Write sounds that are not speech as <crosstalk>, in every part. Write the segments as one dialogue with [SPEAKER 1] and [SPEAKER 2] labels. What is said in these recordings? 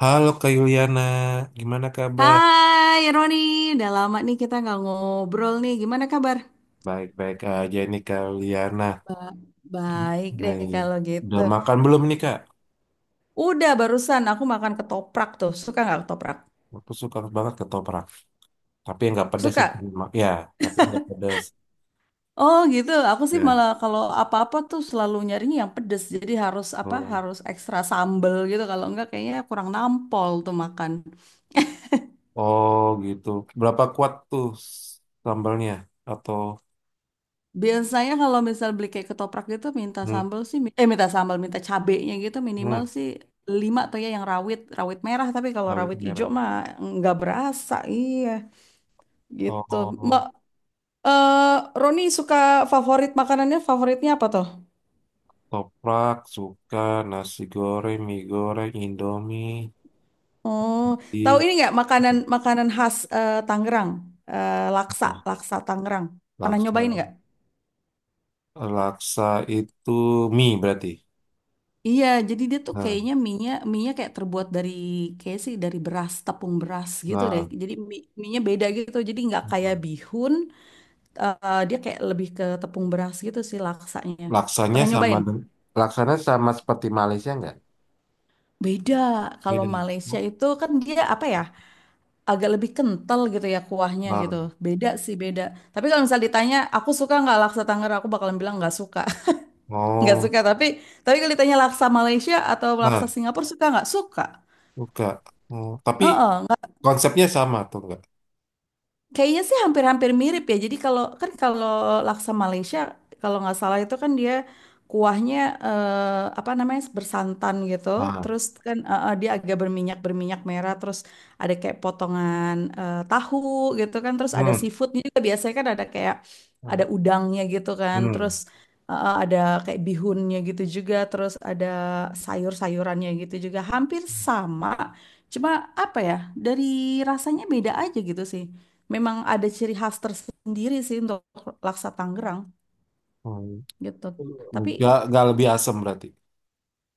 [SPEAKER 1] Halo Kak Yuliana, gimana kabar?
[SPEAKER 2] Hai Roni, udah lama nih kita nggak ngobrol nih. Gimana kabar?
[SPEAKER 1] Baik-baik aja nih Kak Yuliana.
[SPEAKER 2] Ba- Baik deh
[SPEAKER 1] Nih,
[SPEAKER 2] kalau gitu.
[SPEAKER 1] udah makan belum nih Kak?
[SPEAKER 2] Udah barusan aku makan ketoprak tuh. Suka nggak ketoprak?
[SPEAKER 1] Aku suka banget ketoprak, tapi yang nggak pedas ya.
[SPEAKER 2] Suka.
[SPEAKER 1] Ya, tapi nggak pedas.
[SPEAKER 2] Oh gitu. Aku sih
[SPEAKER 1] Ya.
[SPEAKER 2] malah kalau apa-apa tuh selalu nyarinya yang pedes. Jadi harus apa?
[SPEAKER 1] Hmm.
[SPEAKER 2] Harus ekstra sambel gitu. Kalau enggak kayaknya kurang nampol tuh makan.
[SPEAKER 1] Oh gitu. Berapa kuat tuh sambalnya? Atau
[SPEAKER 2] Biasanya kalau misal beli kayak ketoprak gitu minta
[SPEAKER 1] hmm,
[SPEAKER 2] sambal sih minta sambal minta cabenya gitu minimal
[SPEAKER 1] hmm,
[SPEAKER 2] sih lima tuh ya yang rawit rawit merah, tapi kalau
[SPEAKER 1] bawang
[SPEAKER 2] rawit hijau
[SPEAKER 1] merah.
[SPEAKER 2] mah nggak berasa iya gitu. Mbak
[SPEAKER 1] Oh,
[SPEAKER 2] eh Roni suka favorit makanannya favoritnya apa tuh?
[SPEAKER 1] toprak suka nasi goreng, mie goreng, Indomie,
[SPEAKER 2] Oh tahu
[SPEAKER 1] di
[SPEAKER 2] ini nggak makanan makanan khas Tangerang. Eh, laksa laksa Tangerang pernah
[SPEAKER 1] laksa.
[SPEAKER 2] nyobain nggak?
[SPEAKER 1] Laksa itu mie berarti.
[SPEAKER 2] Iya, jadi dia tuh
[SPEAKER 1] Nah,
[SPEAKER 2] kayaknya mie-nya kayak terbuat dari kayak sih dari beras tepung beras gitu deh.
[SPEAKER 1] nah,
[SPEAKER 2] Jadi mie-nya beda gitu. Jadi nggak kayak
[SPEAKER 1] nah.
[SPEAKER 2] bihun, dia kayak lebih ke tepung beras gitu sih laksanya.
[SPEAKER 1] laksanya
[SPEAKER 2] Pernah
[SPEAKER 1] sama
[SPEAKER 2] nyobain?
[SPEAKER 1] deng- Laksanya sama seperti Malaysia nggak?
[SPEAKER 2] Beda. Kalau
[SPEAKER 1] Beda.
[SPEAKER 2] Malaysia
[SPEAKER 1] Oh,
[SPEAKER 2] itu kan dia apa ya? Agak lebih kental gitu ya kuahnya
[SPEAKER 1] nah,
[SPEAKER 2] gitu. Beda sih beda. Tapi kalau misal ditanya aku suka nggak laksa Tangerang, aku bakalan bilang nggak suka. <laughs> Nggak
[SPEAKER 1] oh,
[SPEAKER 2] suka. Tapi kalau ditanya laksa Malaysia atau laksa
[SPEAKER 1] nah,
[SPEAKER 2] Singapura suka nggak? Suka.
[SPEAKER 1] enggak. Oh, tapi konsepnya sama tuh enggak?
[SPEAKER 2] Kayaknya sih hampir-hampir mirip ya. Jadi kalau kan kalau laksa Malaysia kalau nggak salah itu kan dia kuahnya apa namanya bersantan gitu.
[SPEAKER 1] Nah,
[SPEAKER 2] Terus kan dia agak berminyak berminyak merah. Terus ada kayak potongan tahu gitu kan. Terus ada
[SPEAKER 1] hmm,
[SPEAKER 2] seafoodnya juga biasanya kan ada kayak ada
[SPEAKER 1] enggak.
[SPEAKER 2] udangnya gitu kan.
[SPEAKER 1] Hmm.
[SPEAKER 2] Terus ada kayak bihunnya gitu juga. Terus ada sayur-sayurannya gitu juga. Hampir sama. Cuma apa ya dari rasanya beda aja gitu sih, memang ada ciri khas tersendiri sih untuk laksa Tangerang
[SPEAKER 1] Oh,
[SPEAKER 2] gitu. Tapi
[SPEAKER 1] enggak lebih asam berarti.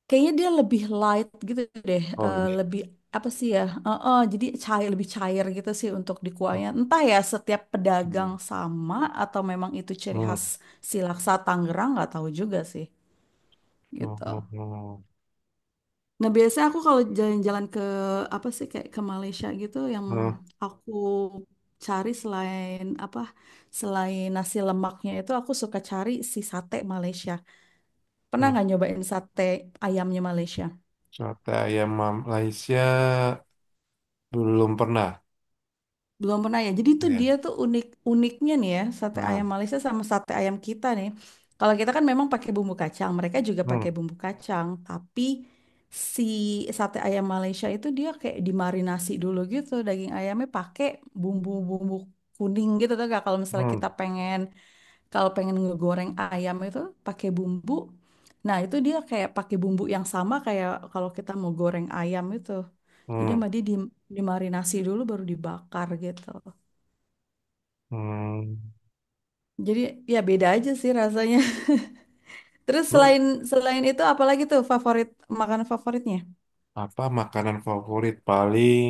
[SPEAKER 2] kayaknya dia lebih light gitu deh,
[SPEAKER 1] Oh, lebih.
[SPEAKER 2] lebih apa sih ya? Jadi cair lebih cair gitu sih untuk di kuahnya. Entah ya setiap pedagang
[SPEAKER 1] Oke.
[SPEAKER 2] sama atau memang itu ciri khas
[SPEAKER 1] Hmm.
[SPEAKER 2] si laksa Tangerang nggak tahu juga sih
[SPEAKER 1] Oh,
[SPEAKER 2] gitu.
[SPEAKER 1] oh, oh.
[SPEAKER 2] Nah, biasanya aku kalau jalan-jalan ke apa sih kayak ke Malaysia gitu yang
[SPEAKER 1] Hmm.
[SPEAKER 2] aku cari selain apa selain nasi lemaknya itu aku suka cari si sate Malaysia. Pernah
[SPEAKER 1] Hmm.
[SPEAKER 2] nggak nyobain sate ayamnya Malaysia?
[SPEAKER 1] Sate ayam Malaysia belum pernah.
[SPEAKER 2] Belum pernah ya. Jadi tuh
[SPEAKER 1] Ya.
[SPEAKER 2] dia tuh unik uniknya nih ya sate
[SPEAKER 1] Nah,
[SPEAKER 2] ayam Malaysia sama sate ayam kita nih. Kalau kita kan memang pakai bumbu kacang, mereka juga pakai
[SPEAKER 1] hmm.
[SPEAKER 2] bumbu kacang, tapi si sate ayam Malaysia itu dia kayak dimarinasi dulu gitu daging ayamnya pakai bumbu-bumbu kuning gitu tuh gak kalau misalnya kita
[SPEAKER 1] Hmm,
[SPEAKER 2] pengen kalau pengen ngegoreng ayam itu pakai bumbu. Nah, itu dia kayak pakai bumbu yang sama kayak kalau kita mau goreng ayam itu. Jadi
[SPEAKER 1] hmm,
[SPEAKER 2] sama dia dimarinasi dulu baru dibakar gitu.
[SPEAKER 1] hmm.
[SPEAKER 2] Jadi ya beda aja sih rasanya. <laughs> Terus
[SPEAKER 1] Terus
[SPEAKER 2] selain selain itu apalagi tuh favorit makanan favoritnya?
[SPEAKER 1] apa makanan favorit paling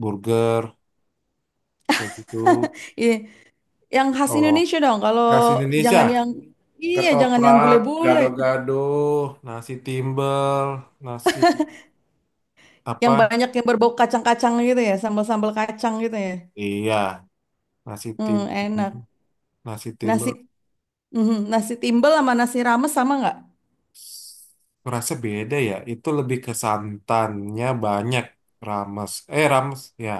[SPEAKER 1] burger kayak gitu?
[SPEAKER 2] <laughs> Iya, yang khas
[SPEAKER 1] Oh,
[SPEAKER 2] Indonesia dong. Kalau
[SPEAKER 1] khas Indonesia.
[SPEAKER 2] jangan yang iya, jangan yang
[SPEAKER 1] Ketoprak,
[SPEAKER 2] bule-bule.
[SPEAKER 1] gado-gado, nasi timbel, nasi
[SPEAKER 2] Yang
[SPEAKER 1] apa?
[SPEAKER 2] banyak yang berbau kacang-kacang gitu ya, sambal-sambal kacang gitu ya.
[SPEAKER 1] Iya, nasi tim,
[SPEAKER 2] Hmm, enak.
[SPEAKER 1] nasi
[SPEAKER 2] Nasi.
[SPEAKER 1] timbel.
[SPEAKER 2] Mhm, nasi timbel sama nasi rames sama nggak?
[SPEAKER 1] Rasa beda ya. Itu lebih ke santannya banyak. Rames ya.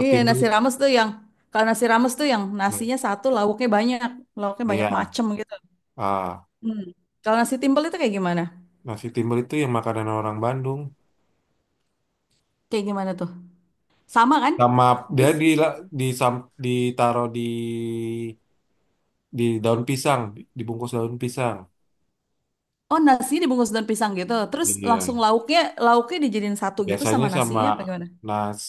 [SPEAKER 2] Iya, nasi rames tuh yang kalau nasi rames tuh yang nasinya satu, lauknya banyak
[SPEAKER 1] ya.
[SPEAKER 2] macem gitu.
[SPEAKER 1] Ah,
[SPEAKER 2] Hmm. Kalau nasi timbel itu kayak gimana?
[SPEAKER 1] nasi timbel itu yang makanan orang Bandung.
[SPEAKER 2] Kayak gimana tuh? Sama kan?
[SPEAKER 1] Sama,
[SPEAKER 2] Dia,
[SPEAKER 1] dia
[SPEAKER 2] s-
[SPEAKER 1] ditaruh di daun pisang, dibungkus daun pisang.
[SPEAKER 2] oh nasi dibungkus daun pisang gitu. Terus
[SPEAKER 1] Iya.
[SPEAKER 2] langsung lauknya lauknya dijadiin satu gitu
[SPEAKER 1] Biasanya
[SPEAKER 2] sama
[SPEAKER 1] sama
[SPEAKER 2] nasinya apa gimana?
[SPEAKER 1] nas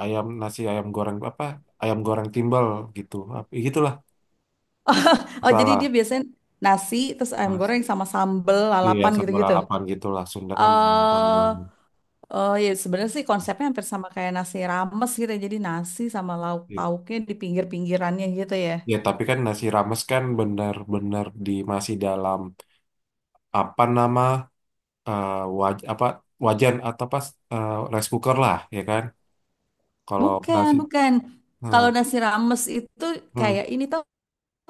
[SPEAKER 1] nasi ayam goreng apa? Ayam goreng timbal gitu. Gitulah
[SPEAKER 2] <laughs> Oh, jadi dia
[SPEAKER 1] salah.
[SPEAKER 2] biasanya nasi terus ayam
[SPEAKER 1] Nas,
[SPEAKER 2] goreng sama sambel
[SPEAKER 1] iya
[SPEAKER 2] lalapan
[SPEAKER 1] sama
[SPEAKER 2] gitu-gitu.
[SPEAKER 1] lalapan gitu lah. Sunda kan lalapan
[SPEAKER 2] Eh
[SPEAKER 1] banget.
[SPEAKER 2] Oh ya sebenarnya sih konsepnya hampir sama kayak nasi rames gitu ya. Jadi nasi sama lauk
[SPEAKER 1] Iya.
[SPEAKER 2] pauknya di pinggir-pinggirannya gitu ya.
[SPEAKER 1] Ya tapi kan nasi rames kan benar-benar di masih dalam apa nama eh, waj apa wajan atau eh, rice cooker lah ya kan. Kalau
[SPEAKER 2] Bukan,
[SPEAKER 1] nasi
[SPEAKER 2] bukan.
[SPEAKER 1] eh,
[SPEAKER 2] Kalau nasi rames itu
[SPEAKER 1] Hmm.
[SPEAKER 2] kayak ini tau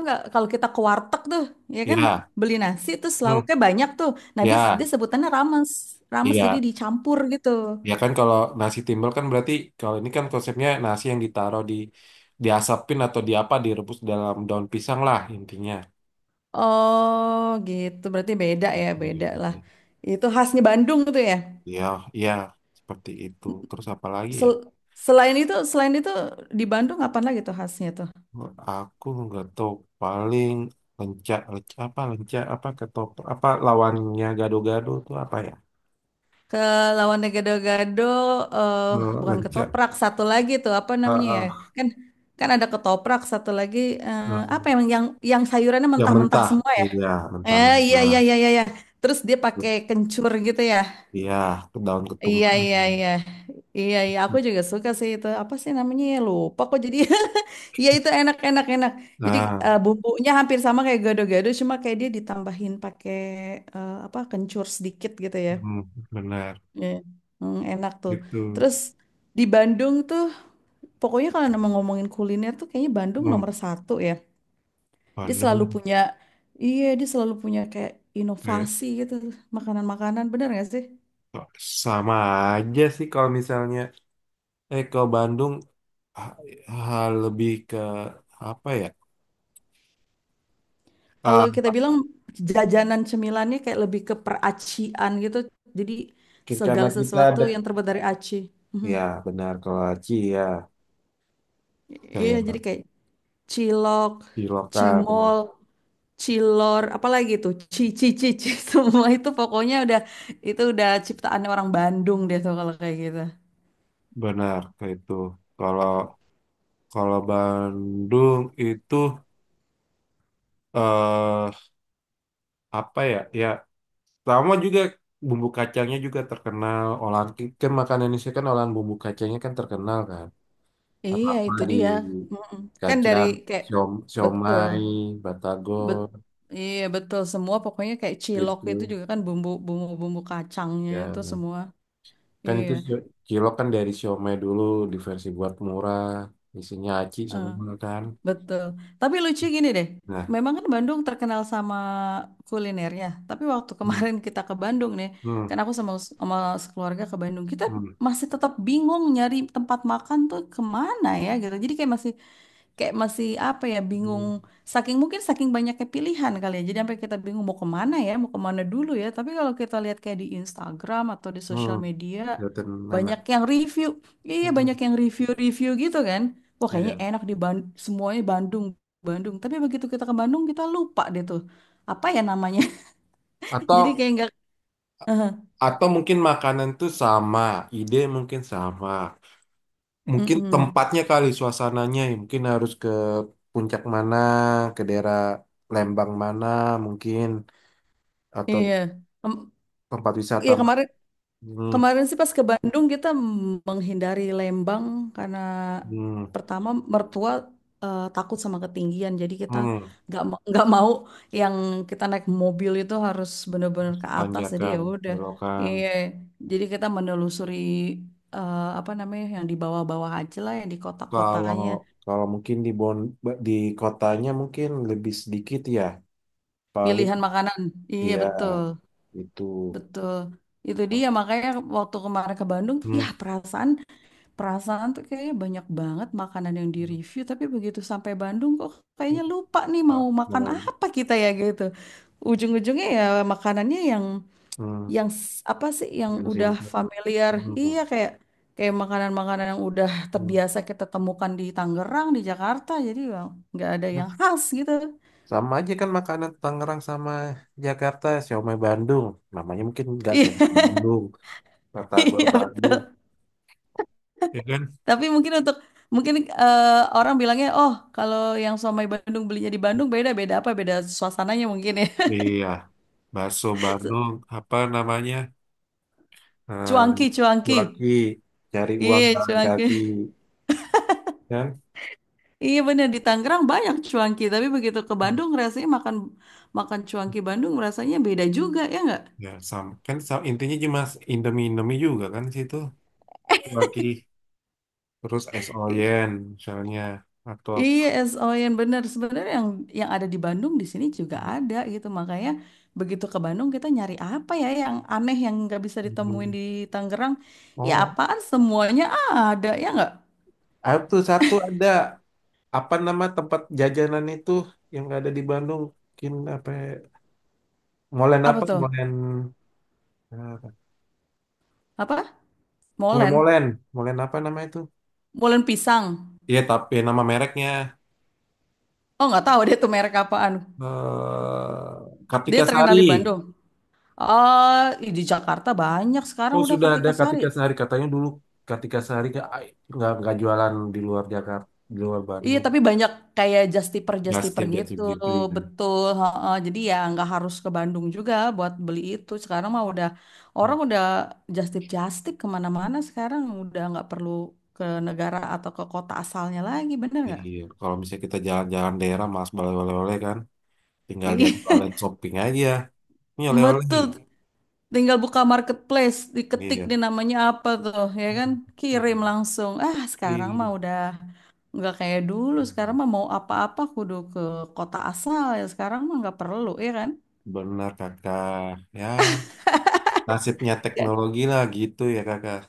[SPEAKER 2] nggak? Kalau kita ke warteg tuh, ya kan
[SPEAKER 1] Ya,
[SPEAKER 2] beli nasi terus
[SPEAKER 1] Hmm.
[SPEAKER 2] lauknya banyak tuh. Nah dia, dia
[SPEAKER 1] Ya,
[SPEAKER 2] sebutannya rames, rames jadi
[SPEAKER 1] iya.
[SPEAKER 2] dicampur gitu.
[SPEAKER 1] Ya kan kalau nasi timbel kan berarti kalau ini kan konsepnya nasi yang ditaruh diasapin atau di apa direbus dalam daun pisang lah intinya.
[SPEAKER 2] Oh gitu, berarti beda ya, beda lah. Itu khasnya Bandung tuh ya.
[SPEAKER 1] Ya, ya seperti itu. Terus apa lagi ya?
[SPEAKER 2] Sel- Selain itu, selain itu di Bandung apa lagi tuh khasnya tuh?
[SPEAKER 1] Aku nggak tahu paling lenca, lenca apa ketoprak apa lawannya gado-gado itu apa ya?
[SPEAKER 2] Ke lawan gado-gado eh
[SPEAKER 1] Eh,
[SPEAKER 2] bukan
[SPEAKER 1] Lenca,
[SPEAKER 2] ketoprak satu lagi tuh apa
[SPEAKER 1] ah,
[SPEAKER 2] namanya ya?
[SPEAKER 1] ah,
[SPEAKER 2] Kan kan ada ketoprak satu lagi eh,
[SPEAKER 1] eh,
[SPEAKER 2] apa yang sayurannya
[SPEAKER 1] yang
[SPEAKER 2] mentah-mentah
[SPEAKER 1] mentah,
[SPEAKER 2] semua ya?
[SPEAKER 1] iya
[SPEAKER 2] Eh iya
[SPEAKER 1] mentah-mentah,
[SPEAKER 2] iya iya iya iya. Terus dia pakai kencur gitu ya.
[SPEAKER 1] iya daun
[SPEAKER 2] Iya
[SPEAKER 1] ketumbar.
[SPEAKER 2] iya iya. Iya iya aku juga suka sih itu. Apa sih namanya ya? Lupa kok jadi. <laughs> Iya itu enak enak enak. Jadi
[SPEAKER 1] Nah,
[SPEAKER 2] bumbunya hampir sama kayak gado-gado cuma kayak dia ditambahin pakai apa kencur sedikit gitu ya.
[SPEAKER 1] hmm, benar
[SPEAKER 2] Iya. Hmm, enak tuh.
[SPEAKER 1] gitu.
[SPEAKER 2] Terus di Bandung tuh, pokoknya kalau nama ngomongin kuliner tuh kayaknya Bandung
[SPEAKER 1] Hmm,
[SPEAKER 2] nomor satu ya. Dia selalu
[SPEAKER 1] Bandung
[SPEAKER 2] punya, iya dia selalu punya kayak
[SPEAKER 1] kayak
[SPEAKER 2] inovasi gitu, makanan-makanan, bener gak sih?
[SPEAKER 1] kok sama aja sih kalau misalnya kalau Bandung ah, lebih ke apa ya?
[SPEAKER 2] Kalau
[SPEAKER 1] Ah,
[SPEAKER 2] kita bilang jajanan cemilannya kayak lebih ke peracian gitu, jadi
[SPEAKER 1] karena
[SPEAKER 2] segala
[SPEAKER 1] kita ada
[SPEAKER 2] sesuatu yang terbuat dari aci.
[SPEAKER 1] ya
[SPEAKER 2] Hmm.
[SPEAKER 1] benar kalau Aci ya
[SPEAKER 2] Iya,
[SPEAKER 1] kayak
[SPEAKER 2] jadi kayak cilok,
[SPEAKER 1] di lokal benar
[SPEAKER 2] cimol, cilor, apalagi tuh, cici, cici, <laughs> semua itu pokoknya udah itu udah ciptaannya orang Bandung deh tuh kalau kayak gitu.
[SPEAKER 1] benar kayak itu. Kalau kalau Bandung itu eh apa ya? Ya, sama juga bumbu kacangnya juga terkenal. Olahan kan makanan Indonesia kan olahan bumbu kacangnya kan terkenal kan.
[SPEAKER 2] Iya,
[SPEAKER 1] Apa-apa
[SPEAKER 2] itu
[SPEAKER 1] di
[SPEAKER 2] dia. Mm-mm. Kan dari
[SPEAKER 1] kacang,
[SPEAKER 2] kayak betul,
[SPEAKER 1] siomay,
[SPEAKER 2] bet,
[SPEAKER 1] batagor
[SPEAKER 2] iya betul semua pokoknya kayak cilok itu
[SPEAKER 1] gitu.
[SPEAKER 2] juga kan bumbu bumbu bumbu kacangnya
[SPEAKER 1] Ya
[SPEAKER 2] itu semua.
[SPEAKER 1] kan
[SPEAKER 2] Iya.
[SPEAKER 1] itu cilok kan dari siomay dulu diversi buat murah, isinya aci
[SPEAKER 2] Eh.
[SPEAKER 1] semua kan.
[SPEAKER 2] Betul. Tapi lucu gini deh.
[SPEAKER 1] Nah,
[SPEAKER 2] Memang kan Bandung terkenal sama kulinernya. Tapi waktu
[SPEAKER 1] hmm,
[SPEAKER 2] kemarin <laughs> kita ke Bandung nih,
[SPEAKER 1] hmm,
[SPEAKER 2] kan aku sama sama sekeluarga ke Bandung, kita
[SPEAKER 1] hmm,
[SPEAKER 2] masih tetap bingung nyari tempat makan tuh kemana ya gitu. Jadi kayak masih apa ya bingung
[SPEAKER 1] hmm,
[SPEAKER 2] saking mungkin saking banyaknya pilihan kali ya jadi sampai kita bingung mau kemana ya mau kemana dulu ya, tapi kalau kita lihat kayak di Instagram atau di sosial
[SPEAKER 1] hmm,
[SPEAKER 2] media
[SPEAKER 1] kelihatan enak.
[SPEAKER 2] banyak yang review iya banyak
[SPEAKER 1] Hmm,
[SPEAKER 2] yang review-review gitu kan wah kayaknya
[SPEAKER 1] ada.
[SPEAKER 2] enak di Bandung semuanya Bandung Bandung tapi begitu kita ke Bandung kita lupa deh tuh apa ya namanya <laughs>
[SPEAKER 1] Atau
[SPEAKER 2] jadi kayak nggak <laughs>
[SPEAKER 1] atau mungkin makanan tuh sama, ide mungkin sama. Mungkin
[SPEAKER 2] Mm-mm.
[SPEAKER 1] tempatnya kali suasananya ya. Mungkin harus ke puncak mana, ke daerah Lembang mana mungkin atau
[SPEAKER 2] Iya. Em,
[SPEAKER 1] tempat wisata.
[SPEAKER 2] iya kemarin.
[SPEAKER 1] hmm,
[SPEAKER 2] Kemarin sih pas ke Bandung kita menghindari Lembang karena
[SPEAKER 1] hmm,
[SPEAKER 2] pertama mertua takut sama ketinggian jadi kita
[SPEAKER 1] hmm,
[SPEAKER 2] nggak mau yang kita naik mobil itu harus bener-bener ke atas jadi ya
[SPEAKER 1] Tanjakan,
[SPEAKER 2] udah
[SPEAKER 1] belokan.
[SPEAKER 2] iya jadi kita menelusuri apa namanya yang di bawah-bawah aja lah yang di
[SPEAKER 1] Kalau
[SPEAKER 2] kota-kotanya
[SPEAKER 1] kalau mungkin di kotanya mungkin lebih sedikit ya. Paling
[SPEAKER 2] pilihan makanan iya
[SPEAKER 1] ya
[SPEAKER 2] betul
[SPEAKER 1] itu
[SPEAKER 2] betul itu dia makanya waktu kemarin ke Bandung ya
[SPEAKER 1] hmm,
[SPEAKER 2] perasaan. Perasaan tuh kayaknya banyak banget makanan yang
[SPEAKER 1] hmm,
[SPEAKER 2] direview, tapi begitu sampai Bandung kok kayaknya lupa nih mau makan
[SPEAKER 1] mau,
[SPEAKER 2] apa kita ya gitu. Ujung-ujungnya ya makanannya yang
[SPEAKER 1] hmm,
[SPEAKER 2] apa sih yang
[SPEAKER 1] yang
[SPEAKER 2] udah
[SPEAKER 1] simpel.
[SPEAKER 2] familiar.
[SPEAKER 1] Hmm,
[SPEAKER 2] Iya kayak kayak makanan-makanan yang udah
[SPEAKER 1] hmm.
[SPEAKER 2] terbiasa kita temukan di Tangerang, di Jakarta. Jadi ya nggak ada yang
[SPEAKER 1] Hmm.
[SPEAKER 2] khas gitu.
[SPEAKER 1] Sama aja kan makanan Tangerang sama Jakarta, siomay Bandung. Namanya mungkin nggak
[SPEAKER 2] Iya,
[SPEAKER 1] sih Bandung,
[SPEAKER 2] <laughs>
[SPEAKER 1] batagor
[SPEAKER 2] iya, bet-
[SPEAKER 1] Bandung. Ya kan?
[SPEAKER 2] tapi mungkin untuk mungkin orang bilangnya, oh kalau yang somai Bandung belinya di Bandung beda beda apa beda suasananya mungkin ya.
[SPEAKER 1] Iya, bakso
[SPEAKER 2] <laughs>
[SPEAKER 1] Bandung, apa namanya? Eh,
[SPEAKER 2] Cuanki,
[SPEAKER 1] laki
[SPEAKER 2] cuanki.
[SPEAKER 1] cari uang
[SPEAKER 2] Iya,
[SPEAKER 1] jalan
[SPEAKER 2] cuanki.
[SPEAKER 1] kaki,
[SPEAKER 2] <laughs>
[SPEAKER 1] ya kan?
[SPEAKER 2] Iya bener di Tangerang banyak cuanki, tapi begitu ke Bandung rasanya makan makan cuanki Bandung rasanya beda juga ya nggak?
[SPEAKER 1] Ya, sama. Kan intinya cuma Indomie-Indomie juga kan di situ. Kaki, terus es
[SPEAKER 2] I-
[SPEAKER 1] oyen misalnya atau apa.
[SPEAKER 2] Iya, SOYN bener. Sebenarnya yang ada di Bandung di sini juga ada gitu. Makanya begitu ke Bandung kita nyari apa ya yang aneh yang nggak bisa ditemuin
[SPEAKER 1] Hmm.
[SPEAKER 2] di Tangerang. Ya
[SPEAKER 1] Oh,
[SPEAKER 2] apaan semuanya ada ya nggak?
[SPEAKER 1] ah, tuh satu ada. Apa nama tempat jajanan itu yang ada di Bandung? Mungkin apa? Ya? Molen
[SPEAKER 2] Apa
[SPEAKER 1] apa?
[SPEAKER 2] tuh?
[SPEAKER 1] Eh,
[SPEAKER 2] Apa?
[SPEAKER 1] kue
[SPEAKER 2] Molen,
[SPEAKER 1] molen. Molen apa nama itu?
[SPEAKER 2] molen pisang.
[SPEAKER 1] Iya, tapi nama mereknya
[SPEAKER 2] Oh nggak tahu dia tuh merek apaan.
[SPEAKER 1] Kartika
[SPEAKER 2] Dia
[SPEAKER 1] Sari.
[SPEAKER 2] terkenal di Bandung. Ah, ih, di Jakarta banyak sekarang
[SPEAKER 1] Oh,
[SPEAKER 2] udah
[SPEAKER 1] sudah ada
[SPEAKER 2] Kartika Sari.
[SPEAKER 1] Kartika Sari. Katanya dulu Kartika Sari nggak jualan di luar Jakarta, di luar
[SPEAKER 2] Iya,
[SPEAKER 1] Bandung.
[SPEAKER 2] tapi banyak kayak justiper justiper
[SPEAKER 1] Gastip jatuh
[SPEAKER 2] gitu,
[SPEAKER 1] gitu. Ya.
[SPEAKER 2] betul. Heeh. Jadi ya nggak harus ke Bandung juga buat beli itu. Sekarang mah udah
[SPEAKER 1] Hmm.
[SPEAKER 2] orang udah just tip kemana-mana. Sekarang udah nggak perlu ke negara atau ke kota asalnya lagi, bener nggak?
[SPEAKER 1] Iya, kalau misalnya kita jalan-jalan daerah, mas balik oleh-oleh kan, tinggal lihat oleh
[SPEAKER 2] Iya,
[SPEAKER 1] shopping aja. Ini
[SPEAKER 2] <laughs>
[SPEAKER 1] oleh-oleh.
[SPEAKER 2] betul. Tinggal buka marketplace, diketik
[SPEAKER 1] Iya.
[SPEAKER 2] di namanya apa tuh, ya kan?
[SPEAKER 1] Hmm. Iya.
[SPEAKER 2] Kirim langsung. Ah, sekarang
[SPEAKER 1] Iya.
[SPEAKER 2] mah udah. Nggak kayak dulu, sekarang mah mau apa-apa kudu ke kota asal ya. Sekarang mah nggak perlu, ya kan?
[SPEAKER 1] Benar kakak. Ya, nasibnya
[SPEAKER 2] Dan
[SPEAKER 1] teknologi lah gitu ya kakak.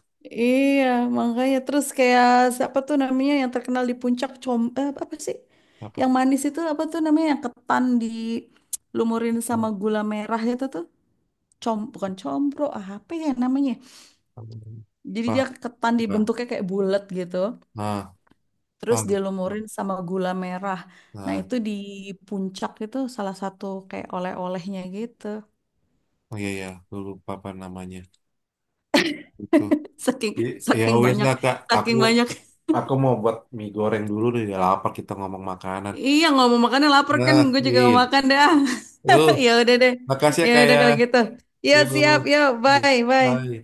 [SPEAKER 2] iya, makanya terus kayak siapa tuh namanya yang terkenal di puncak com apa sih?
[SPEAKER 1] Apa?
[SPEAKER 2] Yang manis itu apa tuh namanya yang ketan dilumurin sama gula merah itu tuh com bukan combro ah, apa ya namanya? Jadi
[SPEAKER 1] Apa?
[SPEAKER 2] dia ketan
[SPEAKER 1] Apa?
[SPEAKER 2] dibentuknya kayak bulat gitu,
[SPEAKER 1] Nah,
[SPEAKER 2] terus
[SPEAKER 1] ah, lupa.
[SPEAKER 2] dilumurin sama gula merah. Nah,
[SPEAKER 1] Nah,
[SPEAKER 2] itu di puncak itu salah satu kayak oleh-olehnya gitu.
[SPEAKER 1] oh iya ya, lupa apa namanya. Itu.
[SPEAKER 2] Saking
[SPEAKER 1] Ya
[SPEAKER 2] saking
[SPEAKER 1] wes
[SPEAKER 2] banyak,
[SPEAKER 1] lah kak. Aku
[SPEAKER 2] saking banyak.
[SPEAKER 1] aku mau buat mie goreng dulu nih. Udah lapar kita ngomong makanan.
[SPEAKER 2] Iya ngomong makannya lapar kan,
[SPEAKER 1] Nah,
[SPEAKER 2] gue juga
[SPEAKER 1] iya.
[SPEAKER 2] mau makan dah.
[SPEAKER 1] Yuk,
[SPEAKER 2] <laughs> Ya udah deh,
[SPEAKER 1] makasih ya
[SPEAKER 2] ya
[SPEAKER 1] kak
[SPEAKER 2] udah
[SPEAKER 1] ya.
[SPEAKER 2] kalau gitu. Ya
[SPEAKER 1] Yuk.
[SPEAKER 2] siap, ya bye,
[SPEAKER 1] Bye.
[SPEAKER 2] bye.